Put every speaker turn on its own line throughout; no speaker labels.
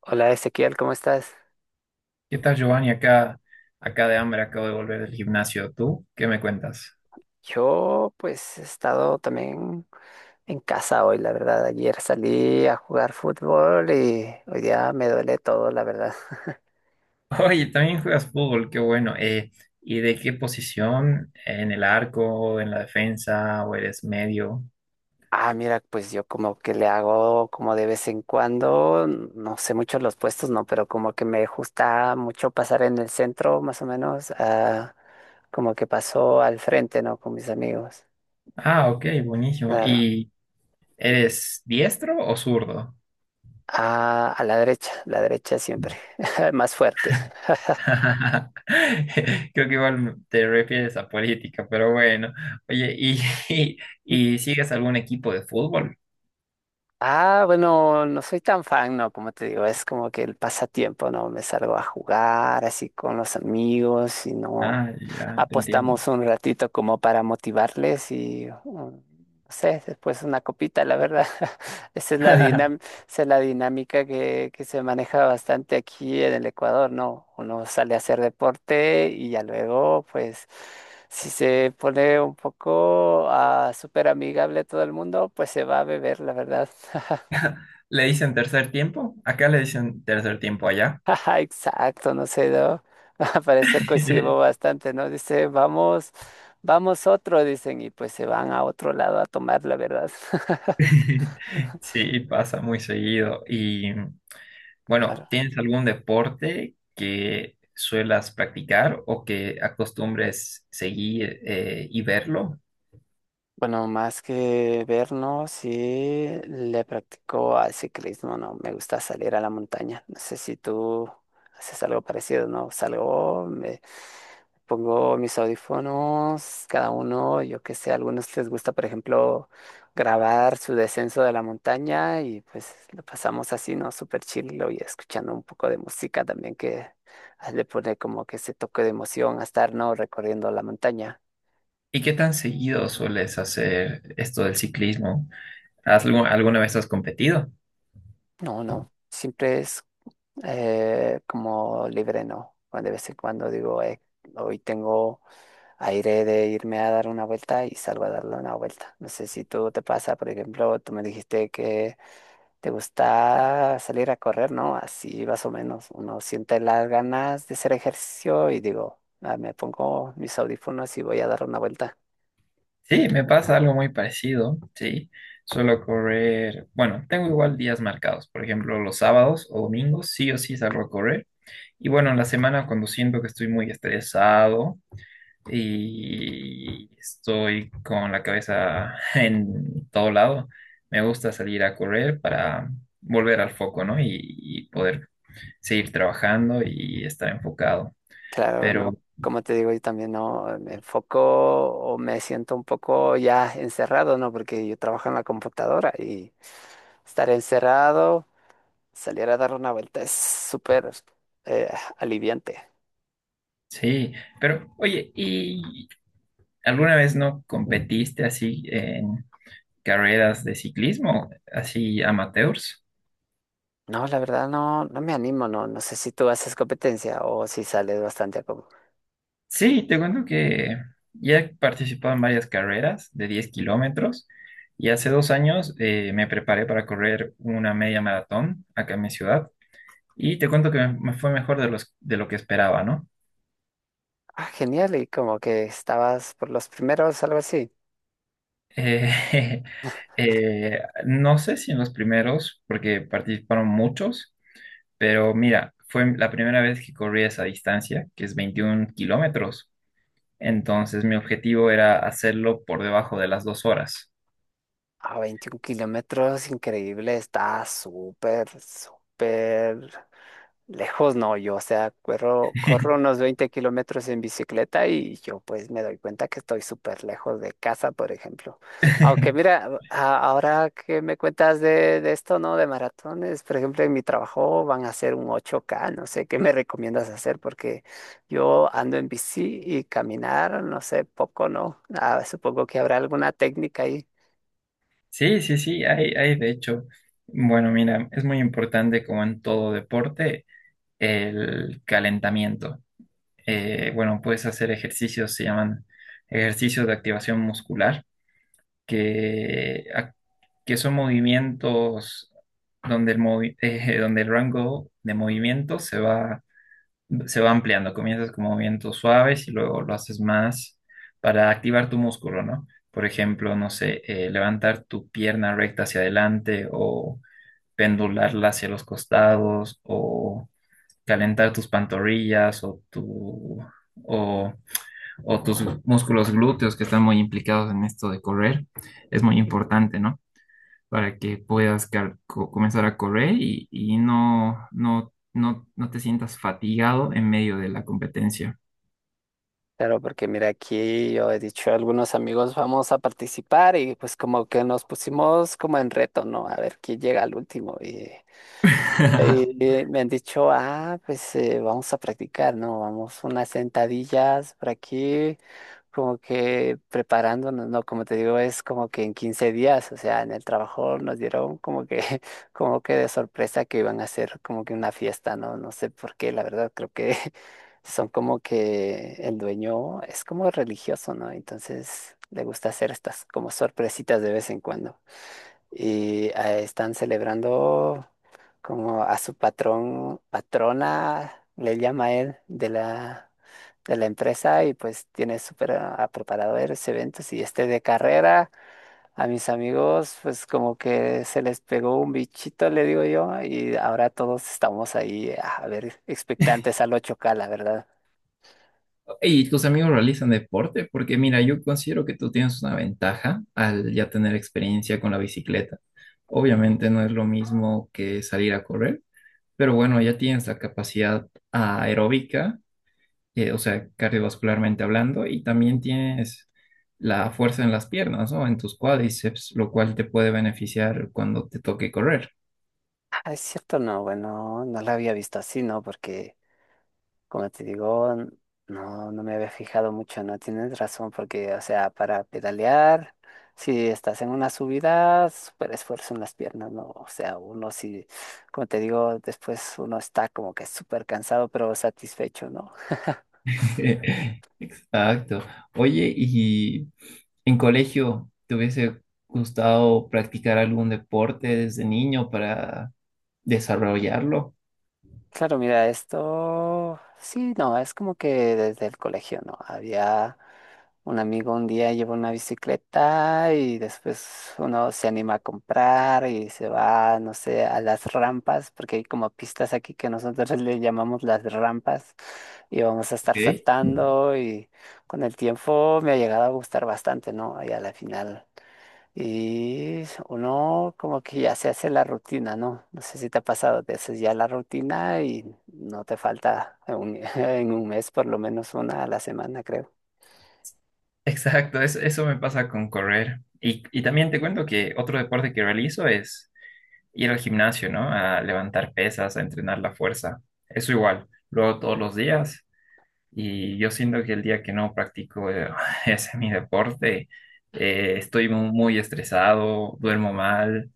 Hola Ezequiel, ¿cómo estás?
¿Qué tal, Giovanni? Acá de hambre, acabo de volver del gimnasio. ¿Tú qué me cuentas?
Yo pues he estado también en casa hoy, la verdad. Ayer salí a jugar fútbol y hoy día me duele todo, la verdad.
Oye, también juegas fútbol, qué bueno. ¿Y de qué posición? ¿En el arco, en la defensa o eres medio?
Ah, mira, pues yo como que le hago como de vez en cuando, no sé mucho los puestos, no, pero como que me gusta mucho pasar en el centro, más o menos, como que paso al frente, ¿no? Con mis amigos,
Ah, ok, buenísimo.
claro.
¿Y eres diestro o zurdo?
Ah, a la derecha siempre, más fuerte.
Creo que igual te refieres a política, pero bueno. Oye, ¿y, y sigues algún equipo de fútbol?
Ah, bueno, no soy tan fan, ¿no? Como te digo, es como que el pasatiempo, ¿no? Me salgo a jugar así con los amigos y no
Ah, ya, te entiendo.
apostamos un ratito como para motivarles y, no sé, después una copita, la verdad. Esa es la dinam- esa es la dinámica que se maneja bastante aquí en el Ecuador, ¿no? Uno sale a hacer deporte y ya luego, pues. Si se pone un poco súper amigable todo el mundo, pues se va a beber, la verdad.
¿Le dicen tercer tiempo? Acá le dicen tercer tiempo allá.
Ajá, exacto, no sé, ¿no? Al parecer coincidimos bastante, ¿no? Dice, vamos, vamos otro, dicen, y pues se van a otro lado a tomar, la verdad.
Sí, pasa muy seguido. Y bueno,
Claro.
¿tienes algún deporte que suelas practicar o que acostumbres seguir y verlo?
Bueno, más que vernos, sí le practico al ciclismo, ¿no? Me gusta salir a la montaña. No sé si tú haces algo parecido, ¿no? Salgo, me pongo mis audífonos, cada uno, yo qué sé, a algunos les gusta, por ejemplo, grabar su descenso de la montaña y pues lo pasamos así, ¿no? Súper chill y escuchando un poco de música también que le pone como que ese toque de emoción a estar, ¿no? Recorriendo la montaña.
¿Y qué tan seguido sueles hacer esto del ciclismo? ¿Has alguna vez has competido?
No, no. Siempre es como libre no. Cuando de vez en cuando digo, hoy tengo aire de irme a dar una vuelta y salgo a darle una vuelta." No sé si tú te pasa, por ejemplo, tú me dijiste que te gusta salir a correr, ¿no? Así más o menos. Uno siente las ganas de hacer ejercicio y digo, "Ah, me pongo mis audífonos y voy a dar una vuelta."
Sí, me pasa algo muy parecido, sí. Suelo correr, bueno, tengo igual días marcados, por ejemplo, los sábados o domingos, sí o sí salgo a correr. Y bueno, en la semana cuando siento que estoy muy estresado y estoy con la cabeza en todo lado, me gusta salir a correr para volver al foco, ¿no? Y poder seguir trabajando y estar enfocado.
Claro, no.
Pero
Como te digo, yo también no me enfoco o me siento un poco ya encerrado, ¿no? Porque yo trabajo en la computadora y estar encerrado, salir a dar una vuelta es súper eh, aliviante.
sí, pero oye, ¿alguna vez no competiste así en carreras de ciclismo, así amateurs?
No, la verdad no, no me animo, no, no sé si tú haces competencia o si sales bastante a como,
Sí, te cuento que ya he participado en varias carreras de 10 kilómetros y hace 2 años me preparé para correr una media maratón acá en mi ciudad y te cuento que me fue mejor de lo que esperaba, ¿no?
genial, y como que estabas por los primeros, algo así.
Eh, no sé si en los primeros, porque participaron muchos. Pero mira, fue la primera vez que corrí esa distancia, que es 21 kilómetros. Entonces mi objetivo era hacerlo por debajo de las 2 horas.
A 21 kilómetros, increíble, está súper, súper. Lejos no, yo, o sea, corro unos 20 kilómetros en bicicleta y yo pues me doy cuenta que estoy súper lejos de casa, por ejemplo. Aunque mira, ahora que me cuentas de esto, ¿no? De maratones, por ejemplo, en mi trabajo van a hacer un 8K, no sé, ¿qué me recomiendas hacer? Porque yo ando en bici y caminar, no sé, poco, ¿no? Ah, supongo que habrá alguna técnica ahí.
Sí, hay de hecho. Bueno, mira, es muy importante como en todo deporte el calentamiento. Bueno, puedes hacer ejercicios, se llaman ejercicios de activación muscular, que, ac- que son movimientos donde el, movi- donde el rango de movimiento se va ampliando. Comienzas con movimientos suaves y luego lo haces más para activar tu músculo, ¿no? Por ejemplo, no sé, levantar tu pierna recta hacia adelante o pendularla hacia los costados o calentar tus pantorrillas o o o tus músculos glúteos que están muy implicados en esto de correr, es muy importante, ¿no? Para que puedas comenzar a correr y, no te sientas fatigado en medio de la competencia.
Claro, porque mira, aquí yo he dicho a algunos amigos vamos a participar y pues como que nos pusimos como en reto, ¿no? A ver quién llega al último. Y, y me han dicho, pues vamos a practicar, ¿no? Vamos unas sentadillas por aquí, como que preparándonos, ¿no? Como te digo, es como que en 15 días, o sea, en el trabajo nos dieron como que, como que de sorpresa que iban a hacer como que una fiesta, ¿no? No sé por qué, la verdad, creo que son como que el dueño es como religioso, ¿no? Entonces le gusta hacer estas como sorpresitas de vez en cuando. Y están celebrando como a su patrón, patrona, le llama él, de la, empresa y pues tiene súper a preparado varios eventos y este de carrera. A mis amigos, pues como que se les pegó un bichito, le digo yo, y ahora todos estamos ahí, a ver, expectantes al 8K, la verdad.
¿Y tus amigos realizan deporte? Porque mira, yo considero que tú tienes una ventaja al ya tener experiencia con la bicicleta. Obviamente no es lo mismo que salir a correr, pero bueno, ya tienes la capacidad aeróbica o sea, cardiovascularmente hablando, y también tienes la fuerza en las piernas, ¿no? En tus cuádriceps, lo cual te puede beneficiar cuando te toque correr.
Ah, es cierto, no, bueno, no la había visto así, ¿no? Porque, como te digo, no, no me había fijado mucho, ¿no? Tienes razón, porque, o sea, para pedalear, si estás en una subida, súper esfuerzo en las piernas, ¿no? O sea, uno sí, como te digo, después uno está como que súper cansado, pero satisfecho, ¿no?
Exacto. Oye, ¿y en colegio te hubiese gustado practicar algún deporte desde niño para desarrollarlo?
Claro, mira, esto sí, no, es como que desde el colegio, ¿no? Había un amigo un día llevó una bicicleta y después uno se anima a comprar y se va, no sé, a las rampas, porque hay como pistas aquí que nosotros le llamamos las rampas y vamos a estar
Ok.
saltando y con el tiempo me ha llegado a gustar bastante, ¿no? Y a la final. Y uno como que ya se hace la rutina, ¿no? No sé si te ha pasado, te haces ya la rutina y no te falta en un, en un mes por lo menos una a la semana, creo.
Exacto, eso me pasa con correr. Y también te cuento que otro deporte que realizo es ir al gimnasio, ¿no? A levantar pesas, a entrenar la fuerza. Eso igual, lo hago todos los días y yo siento que el día que no practico ese mi deporte, estoy muy estresado, duermo mal.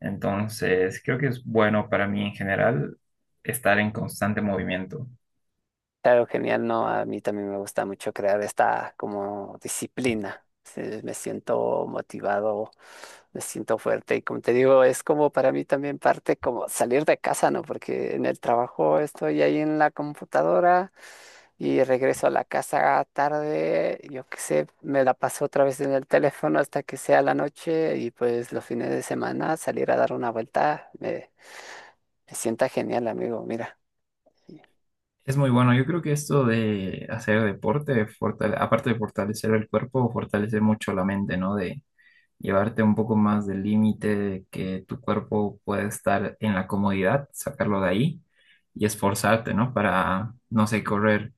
Entonces, creo que es bueno para mí en general estar en constante movimiento.
Claro, genial, ¿no? A mí también me gusta mucho crear esta como disciplina. Sí, me siento motivado, me siento fuerte y como te digo, es como para mí también parte como salir de casa, ¿no? Porque en el trabajo estoy ahí en la computadora y regreso a la casa tarde, yo qué sé, me la paso otra vez en el teléfono hasta que sea la noche y pues los fines de semana salir a dar una vuelta me sienta genial, amigo, mira.
Es muy bueno. Yo creo que esto de hacer deporte, aparte de fortalecer el cuerpo, fortalece mucho la mente, ¿no? De llevarte un poco más del límite que tu cuerpo puede estar en la comodidad, sacarlo de ahí y esforzarte, ¿no? Para, no sé, correr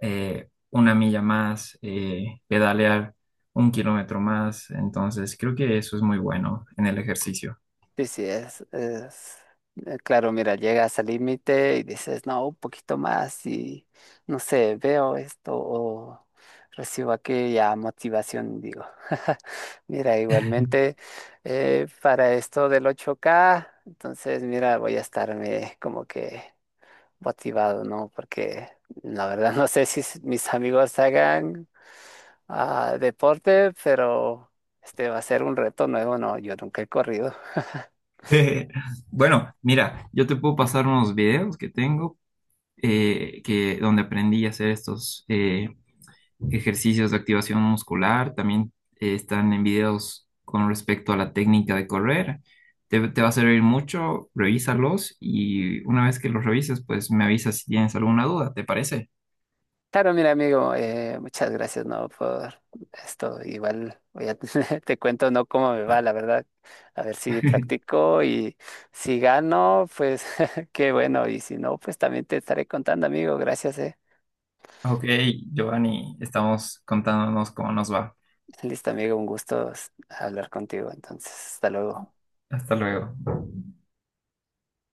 1 milla más, pedalear un kilómetro más. Entonces, creo que eso es muy bueno en el ejercicio.
Sí, sí, es, claro, mira, llegas al límite y dices, no, un poquito más y, no sé, veo esto o recibo aquella motivación, digo. Mira, igualmente, para esto del 8K entonces, mira, voy a estarme como que motivado, ¿no? Porque la verdad no sé si mis amigos hagan deporte, pero este va a ser un reto nuevo, ¿no? Yo nunca he corrido.
Eh, bueno, mira, yo te puedo pasar unos videos que tengo que donde aprendí a hacer estos, ejercicios de activación muscular, también están en videos con respecto a la técnica de correr. Te va a servir mucho, revísalos y una vez que los revises, pues me avisas si tienes alguna duda, ¿te parece?
Claro, mira, amigo, muchas gracias, ¿no? Por esto. Igual voy a, te cuento, ¿no? Cómo me va, la verdad. A ver si practico y si gano, pues qué bueno. Y si no, pues también te estaré contando, amigo. Gracias.
Ok, Giovanni, estamos contándonos cómo nos va.
Listo, amigo, un gusto hablar contigo. Entonces, hasta luego.
Hasta luego.